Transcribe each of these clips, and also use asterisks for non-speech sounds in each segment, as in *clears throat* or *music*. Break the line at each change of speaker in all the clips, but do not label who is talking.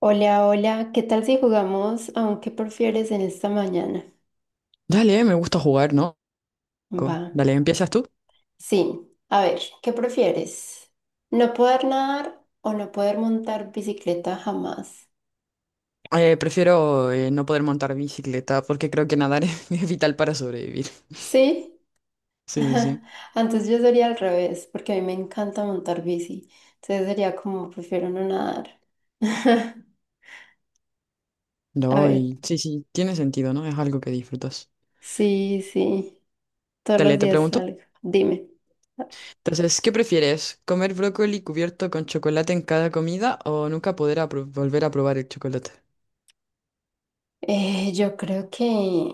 Hola, hola, ¿qué tal si jugamos aunque prefieres en esta mañana?
Dale, me gusta jugar, ¿no?
Va.
Dale, ¿empiezas tú?
Sí, a ver, ¿qué prefieres? ¿No poder nadar o no poder montar bicicleta jamás?
Prefiero no poder montar bicicleta porque creo que nadar *laughs* es vital para sobrevivir.
Sí,
Sí, sí,
*laughs*
sí.
antes yo sería al revés, porque a mí me encanta montar bici, entonces sería como prefiero no nadar. *laughs* A
No,
ver,
y sí, sí, tiene sentido, ¿no? Es algo que disfrutas.
sí, sí, todos los
Dale, te
días
pregunto.
salgo, dime.
Entonces, ¿qué prefieres? ¿Comer brócoli cubierto con chocolate en cada comida o nunca poder volver a probar el chocolate?
Yo creo que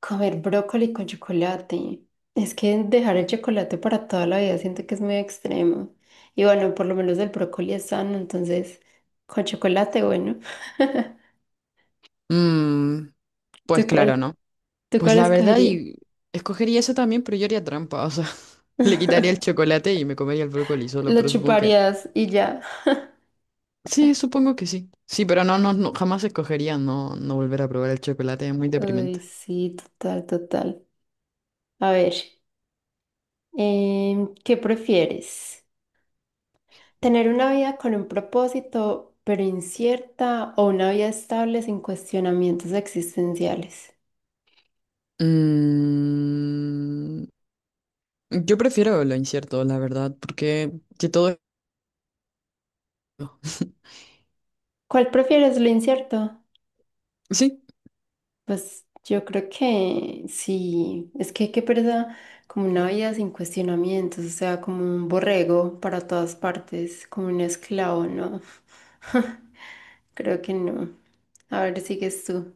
comer brócoli con chocolate. Es que dejar el chocolate para toda la vida siento que es muy extremo. Y bueno, por lo menos el brócoli es sano, entonces con chocolate, bueno. *laughs*
Mmm,
¿Tú
pues claro,
cuál,
¿no?
¿Tú
Pues
cuál
la verdad,
escogerías?
y escogería eso también, pero yo haría trampa, o sea, *laughs* le quitaría el
*laughs*
chocolate y me comería el brócoli solo,
Lo
pero supongo que
chuparías y ya.
sí, supongo que sí. Sí, pero no, no, no, jamás escogería no, no volver a probar el chocolate, es muy
Ay,
deprimente.
sí, total, total. A ver, ¿qué prefieres? ¿Tener una vida con un propósito pero incierta o una vida estable sin cuestionamientos existenciales?
Mm, yo prefiero lo incierto, la verdad, porque que todo es... *laughs*
¿Cuál prefieres lo incierto?
Sí.
Pues yo creo que sí, es que qué pereza, como una vida sin cuestionamientos, o sea, como un borrego para todas partes, como un esclavo, ¿no? *laughs* Creo que no. A ver, sigues tú.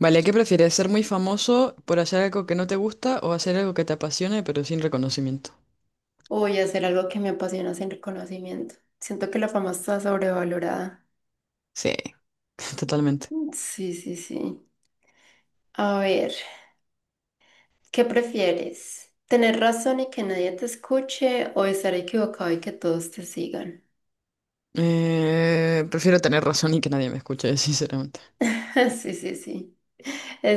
Vale, ¿qué prefieres? ¿Ser muy famoso por hacer algo que no te gusta o hacer algo que te apasione pero sin reconocimiento?
O voy a hacer algo que me apasiona sin reconocimiento. Siento que la fama está sobrevalorada.
Sí, *laughs* totalmente.
Sí, sí, sí. A ver, ¿qué prefieres? ¿Tener razón y que nadie te escuche o estar equivocado y que todos te sigan?
Prefiero tener razón y que nadie me escuche, *laughs* sinceramente.
*laughs* Sí, sí, sí.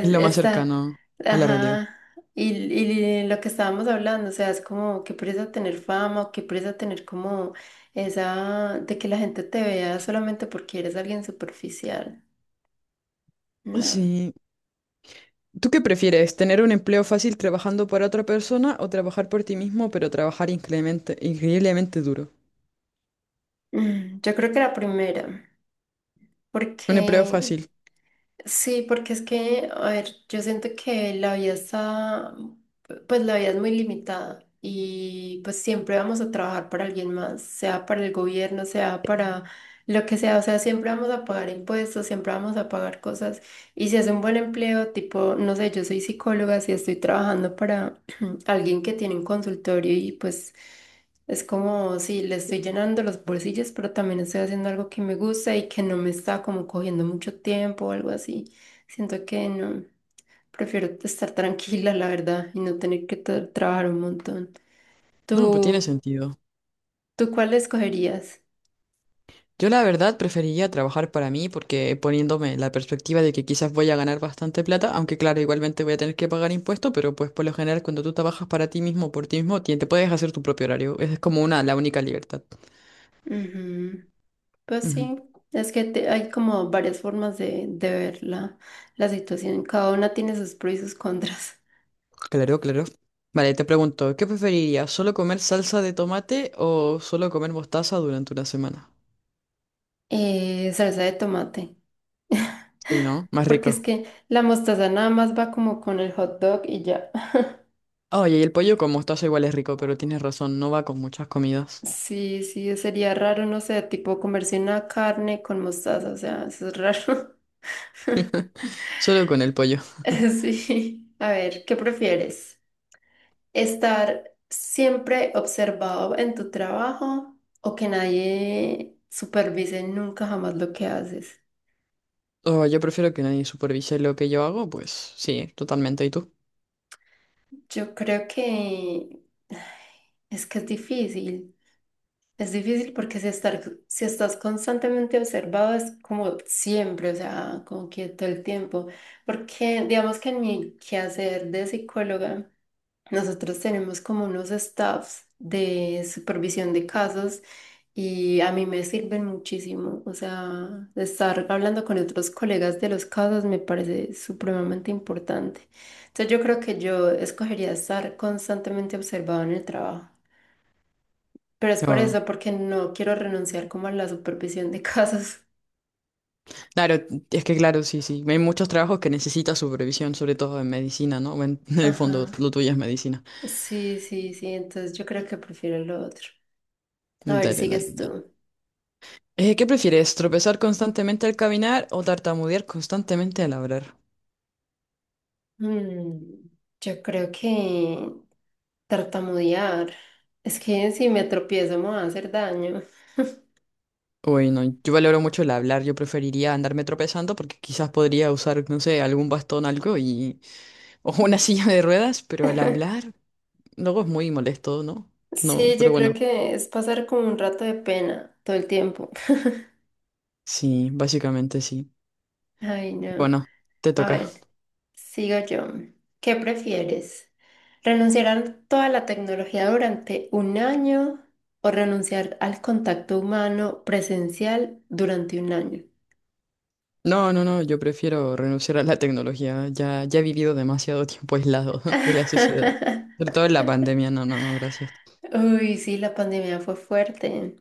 Es lo más
está.
cercano a la realidad.
Ajá. Y lo que estábamos hablando, o sea, es como qué presa tener fama o qué presa tener como esa de que la gente te vea solamente porque eres alguien superficial. No.
Sí, ¿tú qué prefieres? ¿Tener un empleo fácil trabajando para otra persona o trabajar por ti mismo, pero trabajar increíblemente, increíblemente duro?
Mm, yo creo que la primera,
Un empleo
porque
fácil.
sí, porque es que, a ver, yo siento que la vida está, pues la vida es muy limitada y pues siempre vamos a trabajar para alguien más, sea para el gobierno, sea para lo que sea, o sea, siempre vamos a pagar impuestos, siempre vamos a pagar cosas y si es un buen empleo, tipo, no sé, yo soy psicóloga, si estoy trabajando para *clears throat* alguien que tiene un consultorio y pues... Es como si le estoy llenando los bolsillos, pero también estoy haciendo algo que me gusta y que no me está como cogiendo mucho tiempo o algo así. Siento que no, prefiero estar tranquila, la verdad, y no tener que trabajar un montón.
No, pues tiene
¿Tú,
sentido.
¿tú cuál escogerías?
Yo la verdad preferiría trabajar para mí porque poniéndome la perspectiva de que quizás voy a ganar bastante plata, aunque claro, igualmente voy a tener que pagar impuestos, pero pues por lo general cuando tú trabajas para ti mismo, por ti mismo, te puedes hacer tu propio horario. Esa es como una, la única libertad.
Ujú, pues
Ujú.
sí, es que hay como varias formas de ver la situación. Cada una tiene sus pros y sus contras. *laughs*
Claro, claro. Vale, te pregunto, ¿qué preferirías? ¿Solo comer salsa de tomate o solo comer mostaza durante una semana?
Salsa de tomate.
Sí,
*laughs*
¿no? Más
Porque es
rico.
que la mostaza nada más va como con el hot dog y ya.
Oye, y el pollo con mostaza igual es rico, pero tienes razón, no va con muchas comidas.
Sí, sí, sería raro, no sé, tipo comerse una carne con mostaza, o sea, eso es raro. *laughs*
Solo con el pollo. *laughs*
Sí. A ver, ¿qué prefieres? ¿Estar siempre observado en tu trabajo o que nadie supervise nunca jamás lo que haces?
Oh, yo prefiero que nadie supervise lo que yo hago, pues sí, totalmente. ¿Y tú?
Yo creo que *sighs* es que es difícil. Es difícil porque si estás constantemente observado es como siempre, o sea, como que todo el tiempo. Porque digamos que en mi quehacer de psicóloga, nosotros tenemos como unos staffs de supervisión de casos y a mí me sirven muchísimo. O sea, estar hablando con otros colegas de los casos me parece supremamente importante. Entonces yo creo que yo escogería estar constantemente observado en el trabajo. Pero es por
Oh.
eso, porque no quiero renunciar como a la supervisión de *laughs* casos.
Claro, es que claro, sí, sí. Hay muchos trabajos que necesitan supervisión, sobre todo en medicina, ¿no? Bueno, *laughs* en el fondo,
Ajá.
lo tuyo es medicina.
Sí, sí, sí. Entonces yo creo que prefiero lo otro. A ver,
Dale, dale,
sigues
dale.
tú.
¿Qué prefieres? ¿Tropezar constantemente al caminar o tartamudear constantemente al hablar?
Mm, yo creo que tartamudear. Es que si me tropiezo me va a hacer daño.
Uy, no, yo valoro mucho el hablar, yo preferiría andarme tropezando porque quizás podría usar, no sé, algún bastón, algo y... *laughs* o una silla de ruedas, pero al
*laughs*
hablar luego es muy molesto, ¿no? No,
Sí,
pero
yo creo
bueno,
que es pasar como un rato de pena todo el tiempo. *laughs*
sí, básicamente sí.
Ay, no.
Bueno, te
A
toca.
ver, sigo yo. ¿Qué prefieres? ¿Renunciar a toda la tecnología durante un año o renunciar al contacto humano presencial durante un año?
No, no, no, yo prefiero renunciar a la tecnología, ya, ya he vivido demasiado tiempo aislado *laughs* de la sociedad, sobre
*laughs*
todo en la pandemia, no, no, no, gracias.
Uy, sí, la pandemia fue fuerte.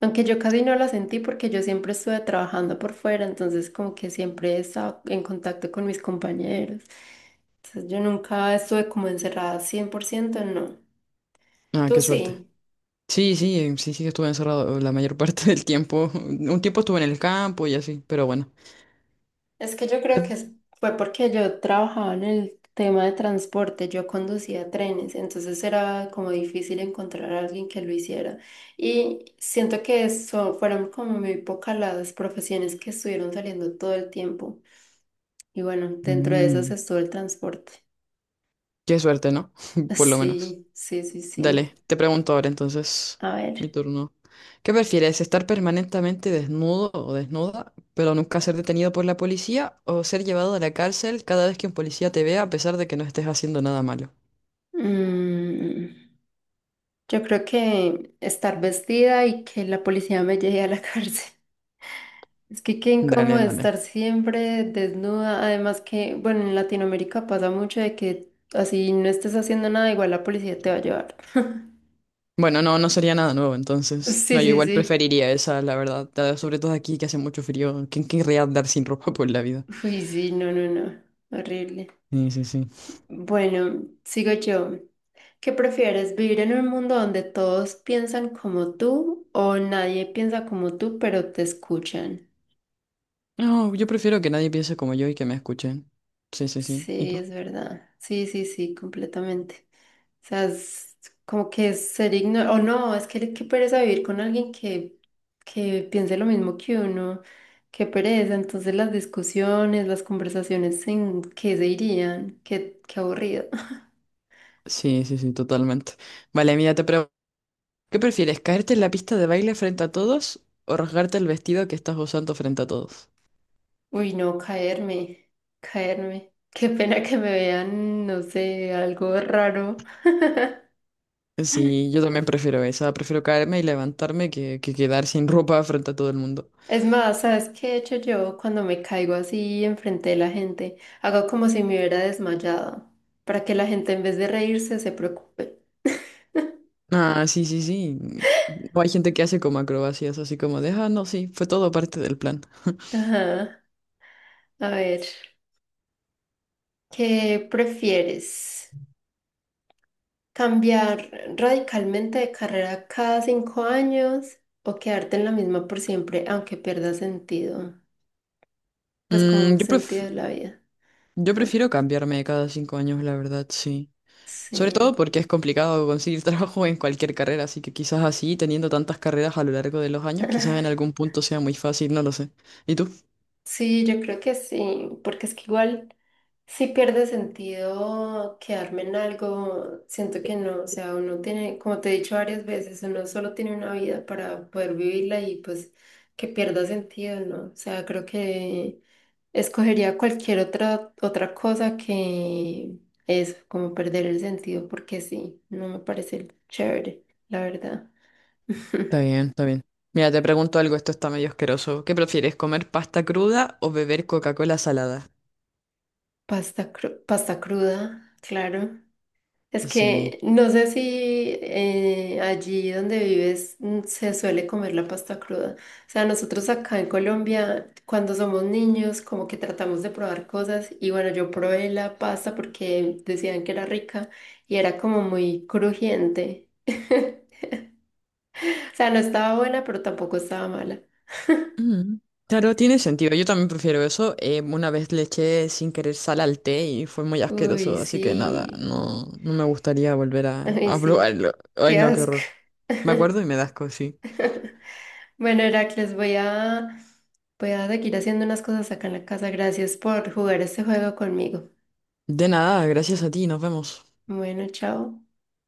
Aunque yo casi no la sentí porque yo siempre estuve trabajando por fuera, entonces como que siempre estaba en contacto con mis compañeros. Entonces yo nunca estuve como encerrada 100%. No.
Ah,
¿Tú
qué suerte.
sí?
Sí, sí, sí, sí, estuve encerrado la mayor *laughs* parte del tiempo. *laughs* Un tiempo estuve en el campo y así, pero bueno.
Es que yo creo que fue porque yo trabajaba en el tema de transporte, yo conducía trenes, entonces era como difícil encontrar a alguien que lo hiciera. Y siento que eso fueron como muy pocas las profesiones que estuvieron saliendo todo el tiempo. Y bueno, dentro de esas
Mm,
estuvo el transporte.
qué suerte, ¿no?
*laughs*
*laughs* Por lo menos.
Sí, sí, sí, sí.
Dale, te pregunto ahora entonces,
A ver.
mi turno. ¿Qué prefieres, estar permanentemente desnudo o desnuda, pero nunca ser detenido por la policía, o ser llevado a la cárcel cada vez que un policía te vea a pesar de que no estés haciendo nada malo?
Mm, yo creo que estar vestida y que la policía me lleve a la *laughs* cárcel. Es que qué incómodo
Dale, dale.
estar siempre desnuda. Además que, bueno, en Latinoamérica pasa mucho de que así no estés haciendo nada, igual la policía te va a llevar.
Bueno, no, no sería nada nuevo entonces.
Sí,
No, yo
sí,
igual
sí.
preferiría esa, la verdad. Sobre todo aquí que hace mucho frío. ¿Quién querría andar sin ropa por la vida?
Uy, sí, no, no, no. Horrible.
Sí, sí, sí.
Bueno, sigo yo. ¿Qué prefieres, vivir en un mundo donde todos piensan como tú o nadie piensa como tú, pero te escuchan?
No, yo prefiero que nadie piense como yo y que me escuchen. Sí, sí, sí. ¿Y
Sí,
tú?
es verdad. Sí, sí, sí, completamente. O sea, es como que ser ignorante, o no, es que qué pereza vivir con alguien que piense lo mismo que uno, qué pereza, entonces las discusiones, las conversaciones en qué se irían, qué, qué aburrido. *laughs*
Sí, sí, sí, totalmente. Vale, mira, te pregunto, ¿qué prefieres, caerte en la pista de baile frente a todos o rasgarte el vestido que estás usando frente a todos?
Uy, no, caerme. Qué pena que me vean, no sé, algo raro.
Sí, yo también prefiero esa, prefiero caerme y levantarme que quedar sin ropa frente a todo el mundo.
Es más, ¿sabes qué he hecho yo cuando me caigo así enfrente de la gente? Hago como si me hubiera desmayado, para que la gente en vez de reírse se preocupe.
Ah, sí, sí, sí. O hay gente que hace como acrobacias, así como de, ah, no, sí, fue todo parte del plan. *laughs*
Ajá. A ver, ¿qué prefieres? ¿Cambiar radicalmente de carrera cada 5 años o quedarte en la misma por siempre, aunque pierda sentido? Pues como
Mm,
un
yo
sentido
pref-
de la vida.
yo
Ah,
prefiero cambiarme cada 5 años, la verdad, sí. Sobre todo
sí.
porque es complicado conseguir *laughs* trabajo en cualquier carrera, así que quizás así, teniendo tantas carreras a lo largo de los años, quizás en
*laughs*
algún punto sea muy fácil, no lo sé. ¿Y tú?
Sí, yo creo que sí, porque es que igual si pierde sentido quedarme en algo, siento que no, o sea, uno tiene, como te he dicho varias veces, uno solo tiene una vida para poder vivirla y pues que pierda sentido, ¿no? O sea, creo que escogería cualquier otra cosa que eso, como perder el sentido, porque sí, no me parece chévere, la verdad. *laughs*
Está bien, está bien. Mira, te pregunto algo, esto está medio asqueroso. ¿Qué prefieres, comer pasta cruda o beber Coca-Cola salada?
Pasta cruda, claro. Es
Sí.
que no sé si allí donde vives se suele comer la pasta cruda. O sea, nosotros acá en Colombia, cuando somos niños, como que tratamos de probar cosas y bueno, yo probé la pasta porque decían que era rica y era como muy crujiente. *laughs* O sea, no estaba buena, pero tampoco estaba mala.
Mm. Claro, tiene sentido. Yo también prefiero eso. Una vez le eché sin querer sal al té y fue muy
Uy,
asqueroso, así que nada,
sí.
no, no me gustaría volver
Ay,
a
sí.
probarlo. Ay,
Qué
no, qué
asco.
horror. Me acuerdo y me da asco, sí.
Bueno, Heracles, voy a seguir haciendo unas cosas acá en la casa. Gracias por jugar este juego conmigo.
De nada, gracias a ti, nos vemos.
Bueno, chao.